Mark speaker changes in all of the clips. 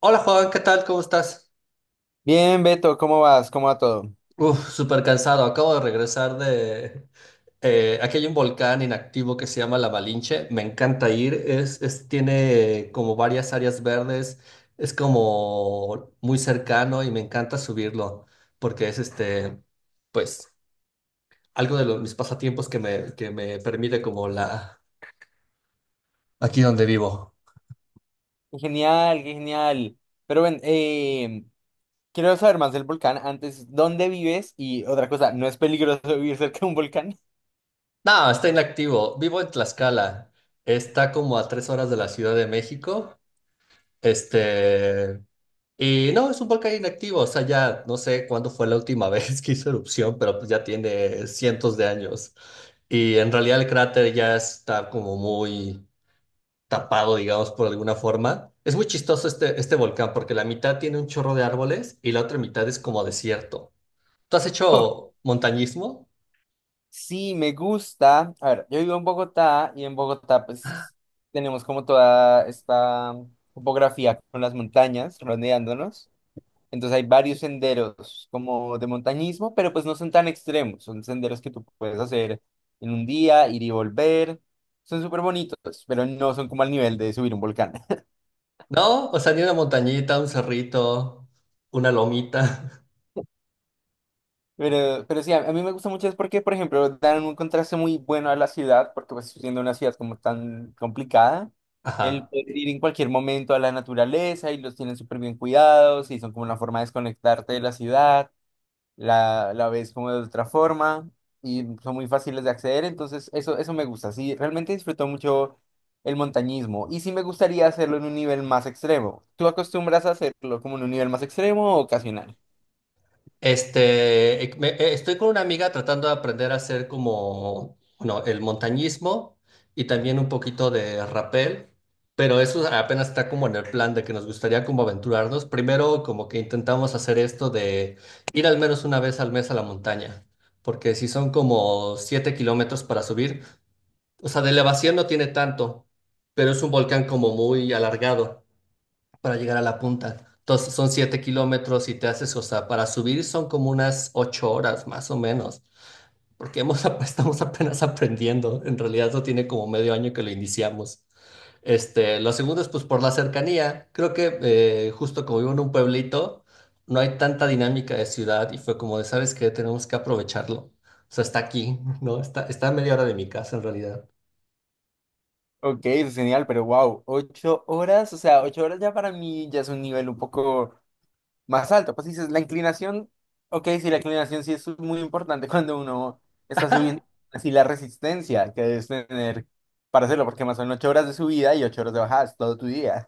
Speaker 1: Hola Juan, ¿qué tal? ¿Cómo estás?
Speaker 2: Bien, Beto, ¿cómo vas? ¿Cómo va todo?
Speaker 1: Uf, súper cansado. Acabo de regresar. Aquí hay un volcán inactivo que se llama La Malinche. Me encanta ir. Tiene como varias áreas verdes. Es como muy cercano y me encanta subirlo porque pues, algo de mis pasatiempos que me permite aquí donde vivo.
Speaker 2: Qué genial, qué genial. Pero ven, quiero saber más del volcán. Antes, ¿dónde vives? Y otra cosa, ¿no es peligroso vivir cerca de un volcán?
Speaker 1: No, está inactivo. Vivo en Tlaxcala. Está como a 3 horas de la Ciudad de México. Este... Y no, es un volcán inactivo, o sea, ya no sé cuándo fue la última vez que hizo erupción, pero pues ya tiene cientos de años. Y en realidad el cráter ya está como muy tapado, digamos, por alguna forma. Es muy chistoso este volcán porque la mitad tiene un chorro de árboles y la otra mitad es como desierto. ¿Tú has hecho montañismo?
Speaker 2: Sí, me gusta. A ver, yo vivo en Bogotá y en Bogotá pues tenemos como toda esta topografía con las montañas rodeándonos. Entonces hay varios senderos como de montañismo, pero pues no son tan extremos, son senderos que tú puedes hacer en un día, ir y volver. Son súper bonitos, pero no son como al nivel de subir un volcán.
Speaker 1: ¿No? O sea, ni una montañita, un cerrito, una lomita.
Speaker 2: Pero sí, a mí me gusta mucho es porque, por ejemplo, dan un contraste muy bueno a la ciudad, porque pues siendo una ciudad como tan complicada, el
Speaker 1: Ajá.
Speaker 2: poder ir en cualquier momento a la naturaleza y los tienen súper bien cuidados y son como una forma de desconectarte de la ciudad. La ves como de otra forma y son muy fáciles de acceder, entonces eso me gusta, sí, realmente disfruto mucho el montañismo y sí me gustaría hacerlo en un nivel más extremo. ¿Tú acostumbras a hacerlo como en un nivel más extremo o ocasional?
Speaker 1: Estoy con una amiga tratando de aprender a hacer como, bueno, el montañismo y también un poquito de rappel, pero eso apenas está como en el plan de que nos gustaría como aventurarnos. Primero como que intentamos hacer esto de ir al menos una vez al mes a la montaña, porque si son como 7 kilómetros para subir, o sea, de elevación no tiene tanto, pero es un volcán como muy alargado para llegar a la punta. Entonces son 7 kilómetros y te haces, o sea, para subir son como unas 8 horas más o menos, porque estamos apenas aprendiendo. En realidad no tiene como medio año que lo iniciamos. Lo segundo es pues por la cercanía. Creo que justo como vivo en un pueblito, no hay tanta dinámica de ciudad y fue como de, ¿sabes qué? Tenemos que aprovecharlo. O sea, está aquí, ¿no? Está a media hora de mi casa en realidad.
Speaker 2: Ok, eso es genial, pero wow, ocho horas, o sea, ocho horas ya para mí ya es un nivel un poco más alto. Pues dices, la inclinación, ok, sí, la inclinación sí es muy importante cuando uno está subiendo, así la resistencia que debes tener para hacerlo, porque más son ocho horas de subida y ocho horas de bajada, es todo tu día.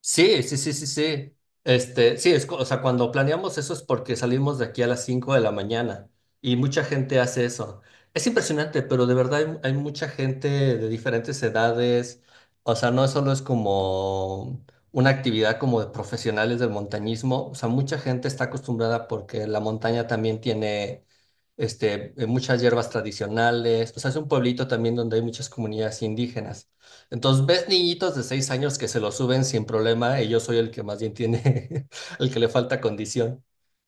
Speaker 1: Sí, sí, sí, sí, sí. O sea, cuando planeamos eso es porque salimos de aquí a las 5 de la mañana y mucha gente hace eso. Es impresionante, pero de verdad hay mucha gente de diferentes edades. O sea, no solo es como una actividad como de profesionales del montañismo. O sea, mucha gente está acostumbrada porque la montaña también tiene muchas hierbas tradicionales. O sea, es un pueblito también donde hay muchas comunidades indígenas. Entonces ves niñitos de 6 años que se lo suben sin problema y yo soy el que más bien tiene, el que le falta condición,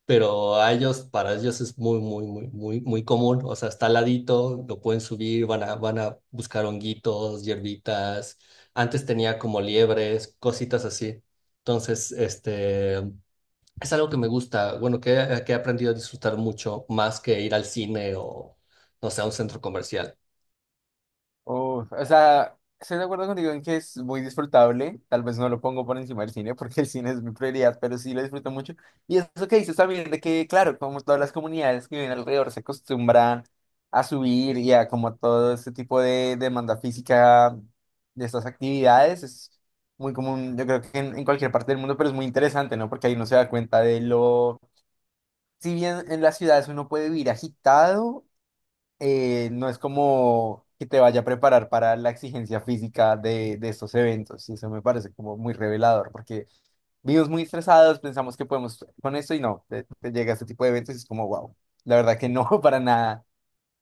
Speaker 1: pero a ellos, para ellos es muy, muy, muy, muy, muy común, o sea, está al ladito, lo pueden subir, van a buscar honguitos, hierbitas, antes tenía como liebres, cositas así. Entonces, es algo que me gusta, bueno, que he aprendido a disfrutar mucho más que ir al cine o, no sé, a un centro comercial.
Speaker 2: Uf, o sea, estoy de acuerdo contigo en que es muy disfrutable. Tal vez no lo pongo por encima del cine porque el cine es mi prioridad, pero sí lo disfruto mucho. Y eso que dices también de que, claro, como todas las comunidades que viven alrededor se acostumbran a subir y a como todo este tipo de demanda física de estas actividades, es muy común, yo creo que en cualquier parte del mundo, pero es muy interesante, ¿no? Porque ahí uno se da cuenta de lo... Si bien en las ciudades uno puede vivir agitado, no es como que te vaya a preparar para la exigencia física de estos eventos. Y eso me parece como muy revelador, porque vivimos muy estresados, pensamos que podemos con esto y no, te llega este tipo de eventos y es como, wow, la verdad que no, para nada.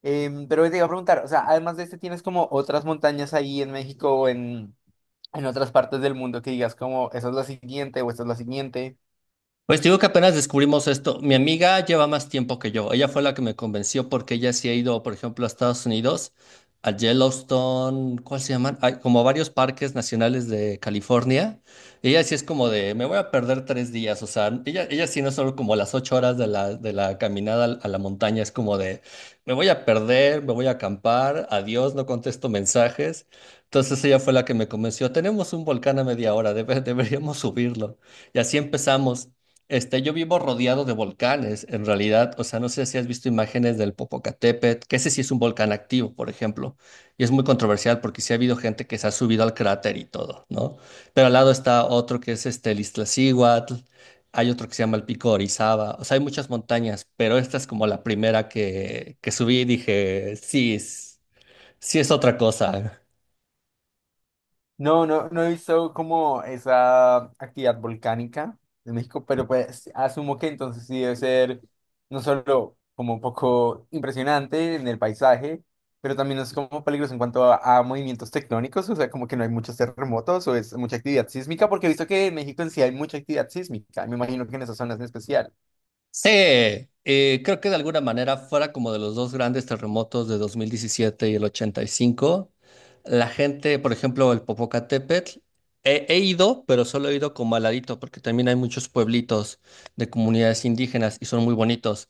Speaker 2: Pero te iba a preguntar, o sea, además de este, ¿tienes como otras montañas ahí en México o en otras partes del mundo que digas como, esa es la siguiente o esta es la siguiente?
Speaker 1: Pues te digo que apenas descubrimos esto. Mi amiga lleva más tiempo que yo. Ella fue la que me convenció porque ella sí ha ido, por ejemplo, a Estados Unidos, a Yellowstone, ¿cuál se llaman? Hay como varios parques nacionales de California. Ella sí es como de, me voy a perder 3 días. O sea, ella sí no es solo como las 8 horas de la caminada a la montaña, es como de, me voy a perder, me voy a acampar, adiós, no contesto mensajes. Entonces ella fue la que me convenció. Tenemos un volcán a media hora, deberíamos subirlo. Y así empezamos. Yo vivo rodeado de volcanes, en realidad, o sea, no sé si has visto imágenes del Popocatépetl, que ese sí es un volcán activo, por ejemplo, y es muy controversial porque sí ha habido gente que se ha subido al cráter y todo, ¿no? Pero al lado está otro que es el Iztaccíhuatl, hay otro que se llama el Pico de Orizaba, o sea, hay muchas montañas, pero esta es como la primera que subí y dije, sí, sí es otra cosa.
Speaker 2: No, no, no he visto como esa actividad volcánica de México, pero pues asumo que entonces sí debe ser no solo como un poco impresionante en el paisaje, pero también es como peligroso en cuanto a movimientos tectónicos, o sea, como que no hay muchos terremotos o es mucha actividad sísmica, porque he visto que en México en sí hay mucha actividad sísmica, me imagino que en esas zonas en especial.
Speaker 1: Sí, creo que de alguna manera fuera como de los dos grandes terremotos de 2017 y el 85. La gente, por ejemplo, el Popocatépetl, he ido, pero solo he ido como al ladito, porque también hay muchos pueblitos de comunidades indígenas y son muy bonitos.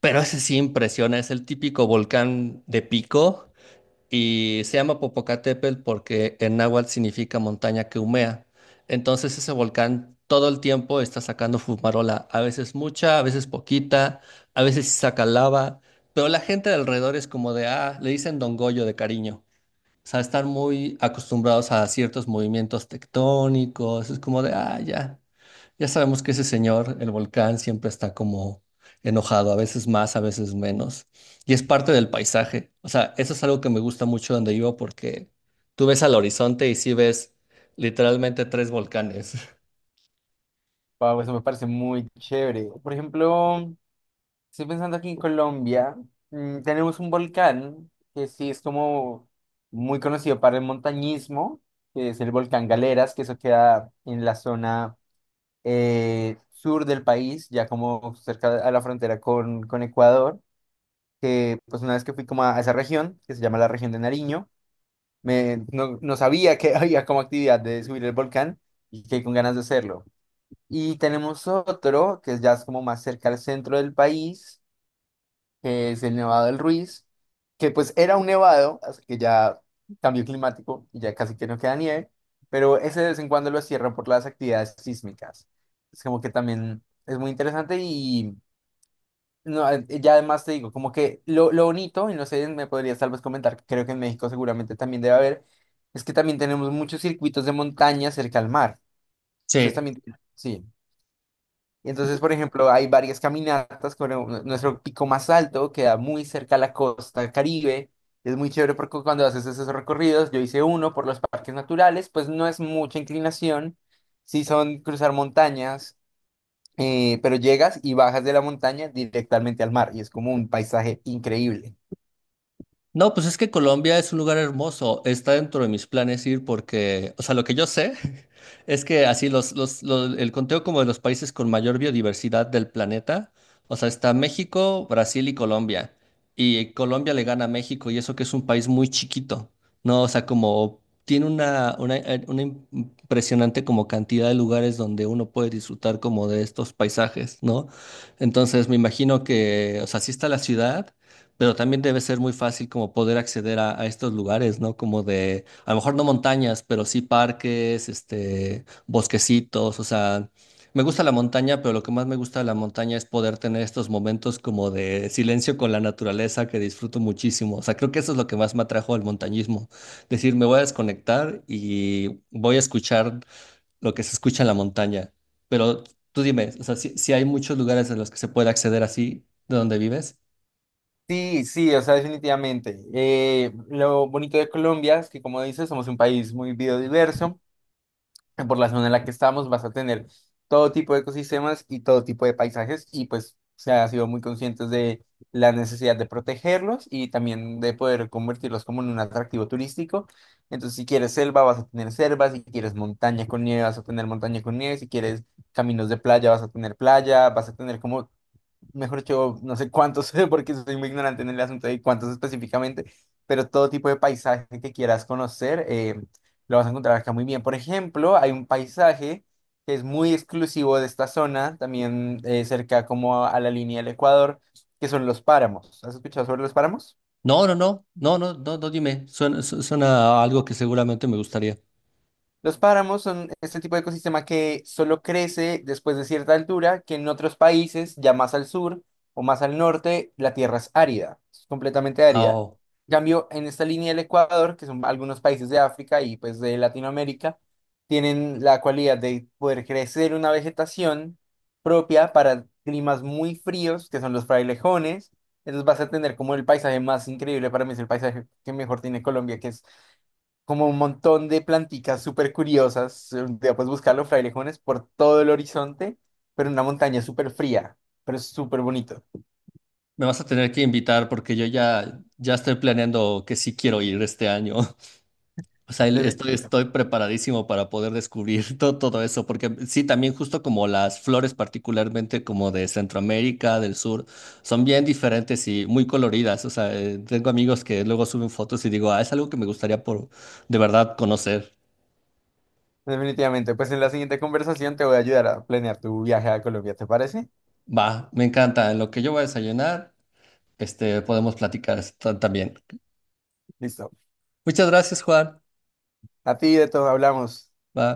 Speaker 1: Pero ese sí impresiona, es el típico volcán de pico y se llama Popocatépetl porque en náhuatl significa montaña que humea. Entonces ese volcán todo el tiempo está sacando fumarola, a veces mucha, a veces poquita, a veces sí saca lava, pero la gente de alrededor es como de, ah, le dicen Don Goyo de cariño. O sea, están muy acostumbrados a ciertos movimientos tectónicos, es como de, ah, ya. Ya sabemos que ese señor, el volcán, siempre está como enojado, a veces más, a veces menos. Y es parte del paisaje. O sea, eso es algo que me gusta mucho donde vivo porque tú ves al horizonte y sí ves literalmente tres volcanes.
Speaker 2: Wow, eso me parece muy chévere. Por ejemplo... Estoy pensando aquí en Colombia, mm, tenemos un volcán que sí es como muy conocido para el montañismo, que es el volcán Galeras, que eso queda en la zona sur del país, ya como cerca a la frontera con Ecuador, que pues una vez que fui como a esa región, que se llama la región de Nariño, me, no, no sabía que había como actividad de subir el volcán y que con ganas de hacerlo. Y tenemos otro que ya es como más cerca al centro del país que es el Nevado del Ruiz, que pues era un nevado, así que ya cambio climático y ya casi que no queda nieve, pero ese de vez en cuando lo cierran por las actividades sísmicas. Es como que también es muy interesante y no, ya además te digo, como que lo bonito, y no sé, me podrías tal vez comentar, creo que en México seguramente también debe haber, es que también tenemos muchos circuitos de montaña cerca al mar. Ustedes
Speaker 1: Sí,
Speaker 2: también, sí. Y entonces, por ejemplo, hay varias caminatas con nuestro pico más alto, queda muy cerca a la costa Caribe. Es muy chévere porque cuando haces esos recorridos, yo hice uno por los parques naturales, pues no es mucha inclinación, sí son cruzar montañas, pero llegas y bajas de la montaña directamente al mar y es como un paisaje increíble.
Speaker 1: no, pues es que Colombia es un lugar hermoso. Está dentro de mis planes ir porque, o sea, lo que yo sé es que así el conteo como de los países con mayor biodiversidad del planeta, o sea, está México, Brasil y Colombia. Y Colombia le gana a México y eso que es un país muy chiquito, ¿no? O sea, como tiene una impresionante como cantidad de lugares donde uno puede disfrutar como de estos paisajes, ¿no? Entonces me imagino que, o sea, sí está la ciudad. Pero también debe ser muy fácil como poder acceder a estos lugares, ¿no? Como de, a lo mejor no montañas, pero sí parques, bosquecitos, o sea, me gusta la montaña, pero lo que más me gusta de la montaña es poder tener estos momentos como de silencio con la naturaleza que disfruto muchísimo. O sea, creo que eso es lo que más me atrajo al montañismo. Decir, me voy a desconectar y voy a escuchar lo que se escucha en la montaña. Pero tú dime, o sea, si hay muchos lugares en los que se puede acceder así, de donde vives.
Speaker 2: Sí, sí, o sea, definitivamente. Lo bonito de Colombia es que, como dices, somos un país muy biodiverso. Por la zona en la que estamos, vas a tener todo tipo de ecosistemas y todo tipo de paisajes y pues se ha sido muy conscientes de la necesidad de protegerlos y también de poder convertirlos como en un atractivo turístico. Entonces, si quieres selva, vas a tener selva, si quieres montaña con nieve, vas a tener montaña con nieve, si quieres caminos de playa, vas a tener playa, vas a tener como mejor yo no sé cuántos, porque soy muy ignorante en el asunto de cuántos específicamente, pero todo tipo de paisaje que quieras conocer, lo vas a encontrar acá muy bien. Por ejemplo, hay un paisaje que es muy exclusivo de esta zona, también cerca como a la línea del Ecuador, que son los páramos. ¿Has escuchado sobre los páramos?
Speaker 1: No, no, no, no, no, no, no, dime. Suena, suena a algo que seguramente me gustaría.
Speaker 2: Los páramos son este tipo de ecosistema que solo crece después de cierta altura, que en otros países, ya más al sur o más al norte, la tierra es árida, es completamente
Speaker 1: Ah,
Speaker 2: árida.
Speaker 1: oh,
Speaker 2: En cambio, en esta línea del Ecuador, que son algunos países de África y pues de Latinoamérica, tienen la cualidad de poder crecer una vegetación propia para climas muy fríos, que son los frailejones. Entonces vas a tener como el paisaje más increíble, para mí es el paisaje que mejor tiene Colombia, que es como un montón de planticas súper curiosas. Ya puedes buscar los frailejones por todo el horizonte, pero en una montaña súper fría, pero es súper bonito.
Speaker 1: me vas a tener que invitar porque yo ya, ya estoy planeando que sí quiero ir este año. O sea, el-
Speaker 2: Defi-
Speaker 1: estoy, estoy preparadísimo para poder descubrir todo, todo eso, porque sí, también justo como las flores, particularmente como de Centroamérica, del sur, son bien diferentes y muy coloridas. O sea, tengo amigos que luego suben fotos y digo, ah, es algo que me gustaría por de verdad conocer.
Speaker 2: Definitivamente. Pues en la siguiente conversación te voy a ayudar a planear tu viaje a Colombia, ¿te parece?
Speaker 1: Va, me encanta. En lo que yo voy a desayunar podemos platicar esto también.
Speaker 2: Listo.
Speaker 1: Muchas gracias, Juan.
Speaker 2: A ti de todo hablamos.
Speaker 1: Va.